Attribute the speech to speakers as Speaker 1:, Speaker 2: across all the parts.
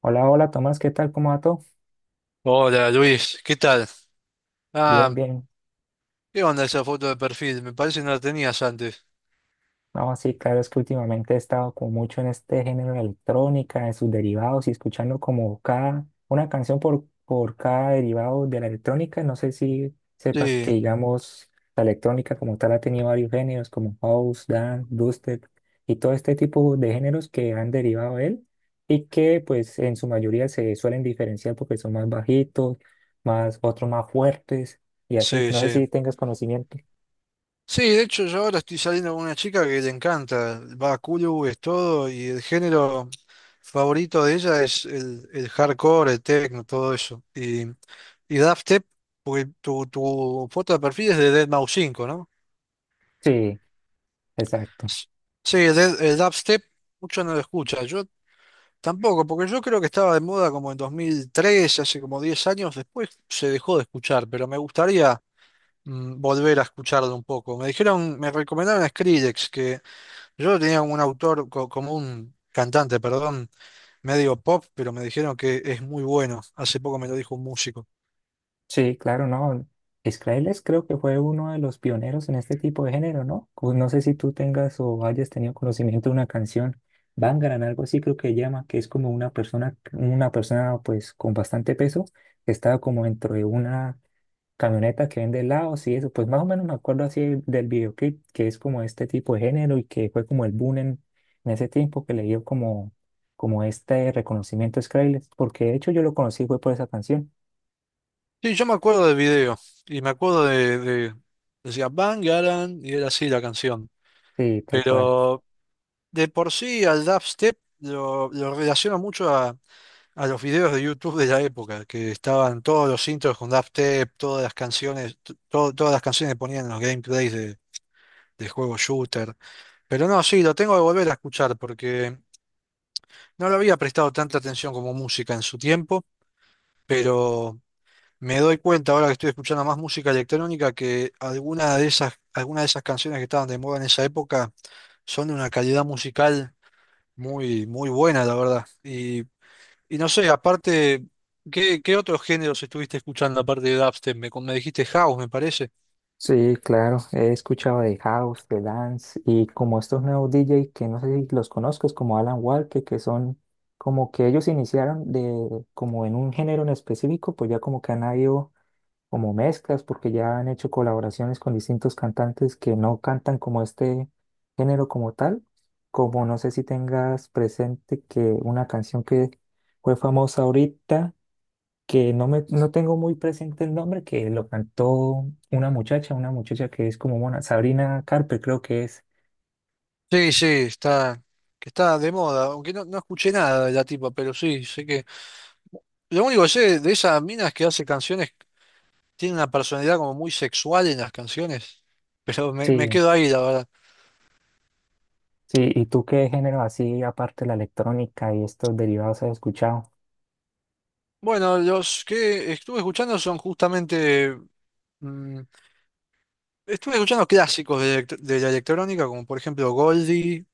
Speaker 1: Hola, hola Tomás, ¿qué tal? ¿Cómo va todo?
Speaker 2: Hola Luis, ¿qué tal? Ah,
Speaker 1: Bien, bien.
Speaker 2: ¿qué onda esa foto de perfil? Me parece que no la tenías antes.
Speaker 1: No, sí, claro, es que últimamente he estado como mucho en este género de electrónica, en sus derivados y escuchando como cada, una canción por cada derivado de la electrónica. No sé si sepas que,
Speaker 2: Sí,
Speaker 1: digamos, la electrónica como tal ha tenido varios géneros como house, dance, dubstep y todo este tipo de géneros que han derivado de él y que pues en su mayoría se suelen diferenciar porque son más bajitos, más, otros más fuertes y así.
Speaker 2: sí,
Speaker 1: No sé
Speaker 2: sí.
Speaker 1: si tengas conocimiento.
Speaker 2: Sí, de hecho yo ahora estoy saliendo con una chica que le encanta, va a Kulu, es todo, y el género favorito de ella es el hardcore, el techno, todo eso. Y Daft Tep, porque tu foto de perfil es de deadmau 5, ¿no?
Speaker 1: Sí, exacto.
Speaker 2: Sí, el dubstep mucho no lo escucha. Yo tampoco, porque yo creo que estaba de moda como en 2003, hace como 10 años, después se dejó de escuchar, pero me gustaría volver a escucharlo un poco. Me dijeron, me recomendaron a Skrillex, que yo tenía un autor, como un cantante, perdón, medio pop, pero me dijeron que es muy bueno. Hace poco me lo dijo un músico.
Speaker 1: Sí, claro, no. Skrillex creo que fue uno de los pioneros en este tipo de género, ¿no? Pues no sé si tú tengas o hayas tenido conocimiento de una canción, Bangaran, algo así creo que llama, que es como una persona pues con bastante peso, que estaba como dentro de una camioneta que vende helados y eso, pues más o menos me acuerdo así del videoclip, que es como este tipo de género y que fue como el boom en ese tiempo que le dio como, como este reconocimiento a Skrillex, porque de hecho yo lo conocí fue por esa canción.
Speaker 2: Sí, yo me acuerdo del video, y me acuerdo de decía Bangaran, y era así la canción.
Speaker 1: Sí, tal cual.
Speaker 2: Pero de por sí al dubstep lo relaciono mucho a los videos de YouTube de la época, que estaban todos los intros con dubstep, todas las canciones, todas las canciones que ponían en los gameplays de juego shooter. Pero no, sí, lo tengo que volver a escuchar porque no le había prestado tanta atención como música en su tiempo, pero me doy cuenta ahora que estoy escuchando más música electrónica que alguna de esas canciones que estaban de moda en esa época son de una calidad musical muy, muy buena, la verdad. Y no sé, aparte, ¿ qué otros géneros estuviste escuchando aparte de dubstep? Me dijiste house, me parece.
Speaker 1: Sí, claro, he escuchado de House, de Dance y como estos nuevos DJ que no sé si los conozcas, como Alan Walker, que son como que ellos iniciaron de como en un género en específico, pues ya como que han habido como mezclas porque ya han hecho colaboraciones con distintos cantantes que no cantan como este género como tal, como no sé si tengas presente que una canción que fue famosa ahorita que no me no tengo muy presente el nombre, que lo cantó una muchacha que es como mona, Sabrina Carpenter creo que es.
Speaker 2: Sí, sí, está, que está de moda, aunque no, no escuché nada de la tipa, pero sí, sé que... Lo único que sé de esas minas que hace canciones, tiene una personalidad como muy sexual en las canciones, pero me
Speaker 1: Sí,
Speaker 2: quedo ahí, la verdad.
Speaker 1: sí, ¿y tú qué género así, aparte de la electrónica y estos derivados has escuchado?
Speaker 2: Bueno, los que estuve escuchando son justamente... mm, estuve escuchando clásicos de la electrónica, como por ejemplo Goldie.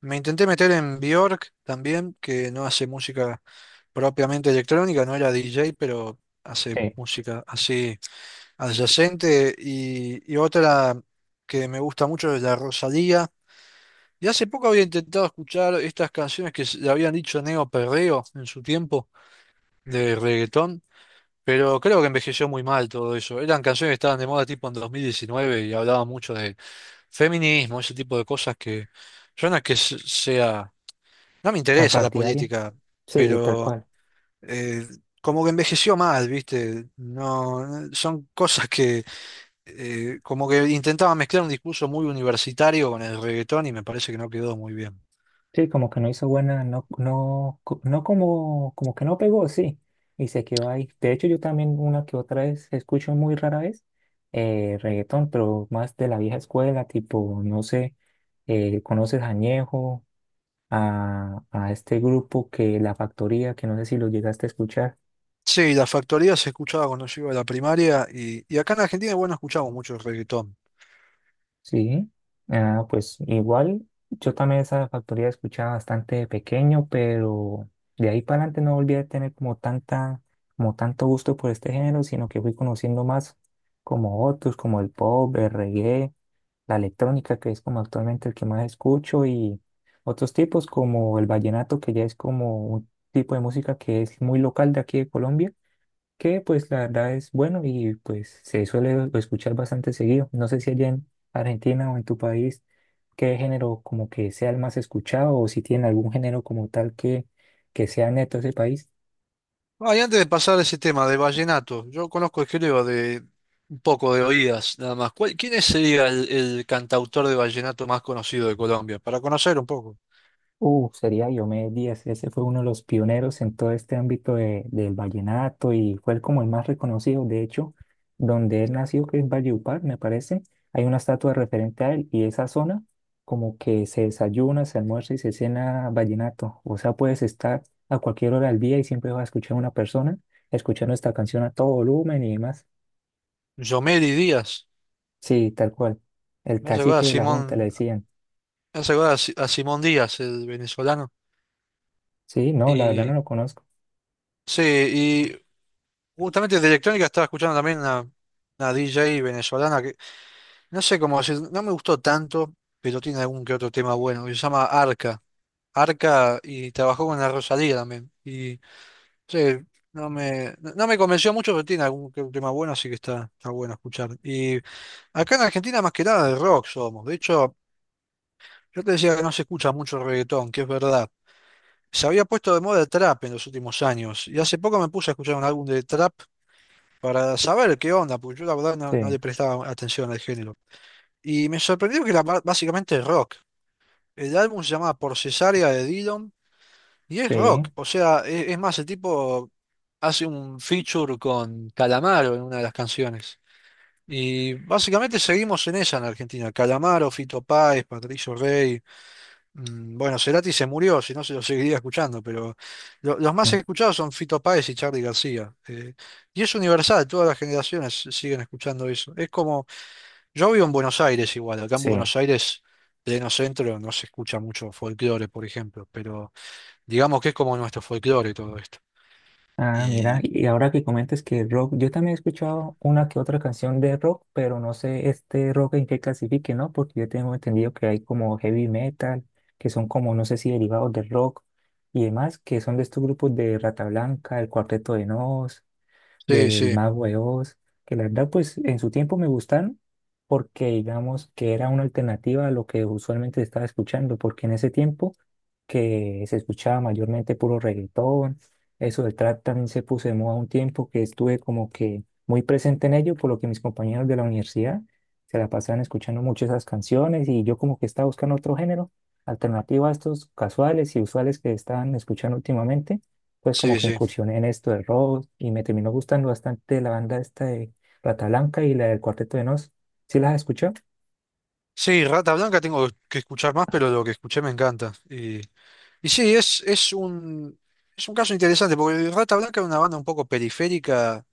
Speaker 2: Me intenté meter en Björk también, que no hace música propiamente electrónica, no era DJ, pero hace
Speaker 1: Sí.
Speaker 2: música así adyacente. Y otra que me gusta mucho es la Rosalía. Y hace poco había intentado escuchar estas canciones que le habían dicho Neo Perreo en su tiempo de reggaetón, pero creo que envejeció muy mal todo eso. Eran canciones que estaban de moda tipo en 2019 y hablaban mucho de feminismo, ese tipo de cosas que yo no es que sea, no me
Speaker 1: ¿Tan
Speaker 2: interesa la
Speaker 1: partidaria?
Speaker 2: política,
Speaker 1: Sí, tal
Speaker 2: pero
Speaker 1: cual.
Speaker 2: eh, como que envejeció mal, ¿viste? No, son cosas que como que intentaba mezclar un discurso muy universitario con el reggaetón y me parece que no quedó muy bien.
Speaker 1: Sí, como que no hizo buena, no, no, no como, como que no pegó, sí, y se quedó ahí. De hecho, yo también una que otra vez escucho muy rara vez reggaetón, pero más de la vieja escuela, tipo, no sé, ¿conoces Añejo? A este grupo que La Factoría, que no sé si lo llegaste a escuchar.
Speaker 2: Sí, la factoría se escuchaba cuando yo iba a la primaria y acá en Argentina, bueno, escuchamos mucho reggaetón.
Speaker 1: Sí, ah, pues igual, yo también esa factoría escuchaba bastante de pequeño, pero de ahí para adelante no volví a tener como tanta, como tanto gusto por este género, sino que fui conociendo más como otros, como el pop, el reggae, la electrónica, que es como actualmente el que más escucho, y otros tipos como el vallenato, que ya es como un tipo de música que es muy local de aquí de Colombia que pues la verdad es bueno y pues se suele escuchar bastante seguido. No sé si allá en Argentina o en tu país, qué género como que sea el más escuchado o si tiene algún género como tal que sea neto ese país.
Speaker 2: Ah, y antes de pasar a ese tema de vallenato, yo conozco, creo, de un poco de oídas, nada más. ¿Cuál- quién es, sería el cantautor de vallenato más conocido de Colombia? Para conocer un poco.
Speaker 1: Sería Diomedes Díaz, ese fue uno de los pioneros en todo este ámbito del vallenato y fue el como el más reconocido, de hecho, donde él nació, que es Valledupar, me parece, hay una estatua referente a él y esa zona como que se desayuna, se almuerza y se cena vallenato, o sea, puedes estar a cualquier hora del día y siempre vas a escuchar a una persona escuchando esta canción a todo volumen y demás.
Speaker 2: Yomeli Díaz.
Speaker 1: Sí, tal cual, el
Speaker 2: Me hace acordar a
Speaker 1: cacique de la junta le
Speaker 2: Simón,
Speaker 1: decían,
Speaker 2: me hace acordar a, a Simón Díaz, el venezolano.
Speaker 1: sí, no, la verdad no
Speaker 2: Y
Speaker 1: lo conozco,
Speaker 2: sí, y justamente de electrónica estaba escuchando también una DJ venezolana que no sé cómo decir, no me gustó tanto, pero tiene algún que otro tema bueno, que se llama Arca. Arca y trabajó con la Rosalía también. Y sí, no me convenció mucho, pero tiene algún que otro tema bueno, así que está, está bueno escuchar. Y acá en Argentina más que nada de rock somos. De hecho, yo te decía que no se escucha mucho reggaetón, que es verdad. Se había puesto de moda el trap en los últimos años y hace poco me puse a escuchar un álbum de trap para saber qué onda, porque yo la verdad no, no
Speaker 1: sí,
Speaker 2: le prestaba atención al género. Y me sorprendió que era básicamente rock. El álbum se llama Por Cesárea de Dillon y es
Speaker 1: sí,
Speaker 2: rock, o sea, es más, el tipo hace un feature con Calamaro en una de las canciones. Y básicamente seguimos en esa en Argentina. Calamaro, Fito Páez, Patricio Rey. Bueno, Cerati se murió, si no se lo seguiría escuchando, pero los más
Speaker 1: mm,
Speaker 2: escuchados son Fito Páez y Charly García. Y es universal, todas las generaciones siguen escuchando eso. Es como, yo vivo en Buenos Aires igual, acá en
Speaker 1: sí.
Speaker 2: Buenos Aires, pleno centro, no se escucha mucho folclore, por ejemplo, pero digamos que es como nuestro folclore todo esto.
Speaker 1: Ah, mira,
Speaker 2: Y
Speaker 1: y ahora que comentas que rock, yo también he escuchado una que otra canción de rock, pero no sé este rock en qué clasifique, ¿no? Porque yo tengo entendido que hay como heavy metal, que son como, no sé si derivados del rock y demás, que son de estos grupos de Rata Blanca, el Cuarteto de Nos,
Speaker 2: sí,
Speaker 1: del
Speaker 2: sí,
Speaker 1: Mago de Oz, que la verdad pues en su tiempo me gustaron porque digamos que era una alternativa a lo que usualmente estaba escuchando, porque en ese tiempo que se escuchaba mayormente puro reggaetón, eso del trap también se puso de moda un tiempo que estuve como que muy presente en ello, por lo que mis compañeros de la universidad se la pasaban escuchando mucho esas canciones y yo como que estaba buscando otro género alternativo a estos casuales y usuales que estaban escuchando últimamente pues como
Speaker 2: sí,
Speaker 1: que
Speaker 2: sí.
Speaker 1: incursioné en esto de rock y me terminó gustando bastante la banda esta de Rata Blanca y la del Cuarteto de Nos. ¿Sí las escuchó?
Speaker 2: Sí, Rata Blanca tengo que escuchar más, pero lo que escuché me encanta. Y sí, es un caso interesante, porque Rata Blanca era una banda un poco periférica,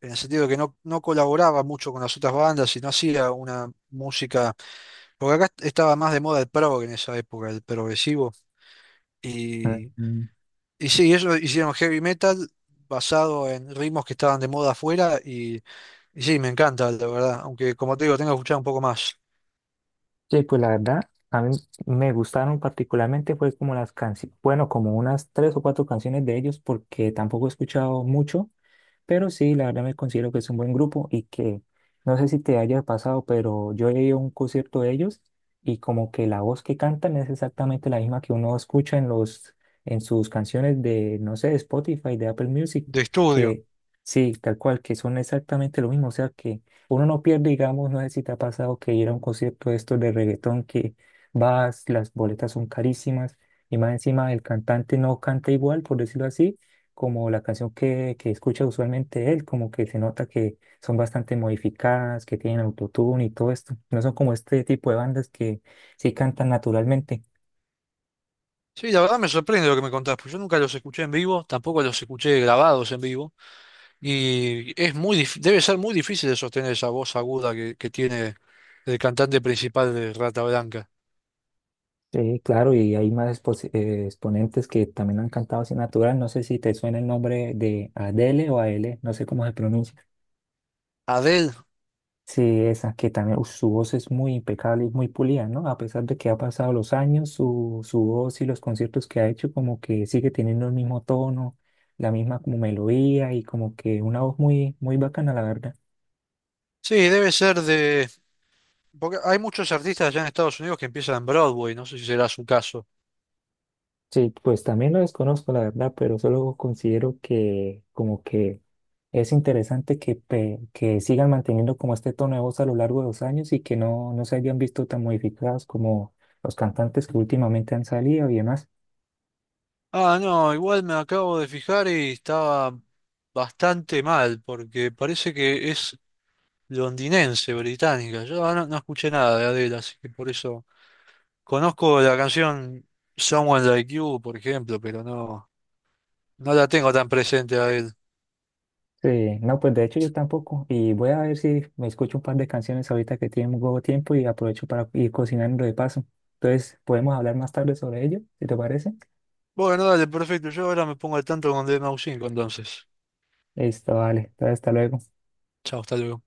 Speaker 2: en el sentido de que no colaboraba mucho con las otras bandas y no hacía una música, porque acá estaba más de moda el prog en esa época, el progresivo. Y, y sí, ellos hicieron heavy metal basado en ritmos que estaban de moda afuera y sí, me encanta, la verdad, aunque como te digo, tengo que escuchar un poco más
Speaker 1: Sí, pues la verdad, a mí me gustaron particularmente, fue como las canciones, bueno, como unas tres o cuatro canciones de ellos, porque tampoco he escuchado mucho, pero sí, la verdad me considero que es un buen grupo y que no sé si te haya pasado, pero yo he ido a un concierto de ellos y como que la voz que cantan es exactamente la misma que uno escucha en los, en sus canciones de, no sé, de Spotify, de Apple Music,
Speaker 2: de estudio.
Speaker 1: que sí, tal cual, que son exactamente lo mismo, o sea que uno no pierde, digamos, no sé si te ha pasado que ir a un concierto de estos de reggaetón que vas, las boletas son carísimas y más encima el cantante no canta igual, por decirlo así, como la canción que escucha usualmente él, como que se nota que son bastante modificadas, que tienen autotune y todo esto. No son como este tipo de bandas que sí cantan naturalmente.
Speaker 2: Sí, la verdad me sorprende lo que me contás, porque yo nunca los escuché en vivo, tampoco los escuché grabados en vivo. Y es muy, debe ser muy difícil de sostener esa voz aguda que tiene el cantante principal de Rata Blanca.
Speaker 1: Sí, claro, y hay más exponentes que también han cantado así natural. No sé si te suena el nombre de Adele o Aele, no sé cómo se pronuncia.
Speaker 2: Adele.
Speaker 1: Sí, esa que también, uf, su voz es muy impecable y muy pulida, ¿no? A pesar de que ha pasado los años, su voz y los conciertos que ha hecho como que sigue teniendo el mismo tono, la misma como melodía y como que una voz muy, muy bacana, la verdad.
Speaker 2: Sí, debe ser de... Porque hay muchos artistas allá en Estados Unidos que empiezan en Broadway, no sé si será su caso.
Speaker 1: Sí, pues también lo desconozco, la verdad, pero solo considero que como que es interesante que sigan manteniendo como este tono de voz a lo largo de los años y que no, no se hayan visto tan modificadas como los cantantes que últimamente han salido y demás.
Speaker 2: Ah, no, igual me acabo de fijar y estaba bastante mal, porque parece que es londinense, británica. Yo no escuché nada de Adele, así que por eso conozco la canción Someone Like You, por ejemplo, pero no, no la tengo tan presente a...
Speaker 1: Sí, no, pues de hecho yo tampoco. Y voy a ver si me escucho un par de canciones ahorita que tengo tiempo y aprovecho para ir cocinando de paso. Entonces, podemos hablar más tarde sobre ello, si te parece.
Speaker 2: Bueno, dale, perfecto. Yo ahora me pongo al tanto con DMAU5 entonces.
Speaker 1: Listo, vale. Entonces, hasta luego.
Speaker 2: Chao, hasta luego.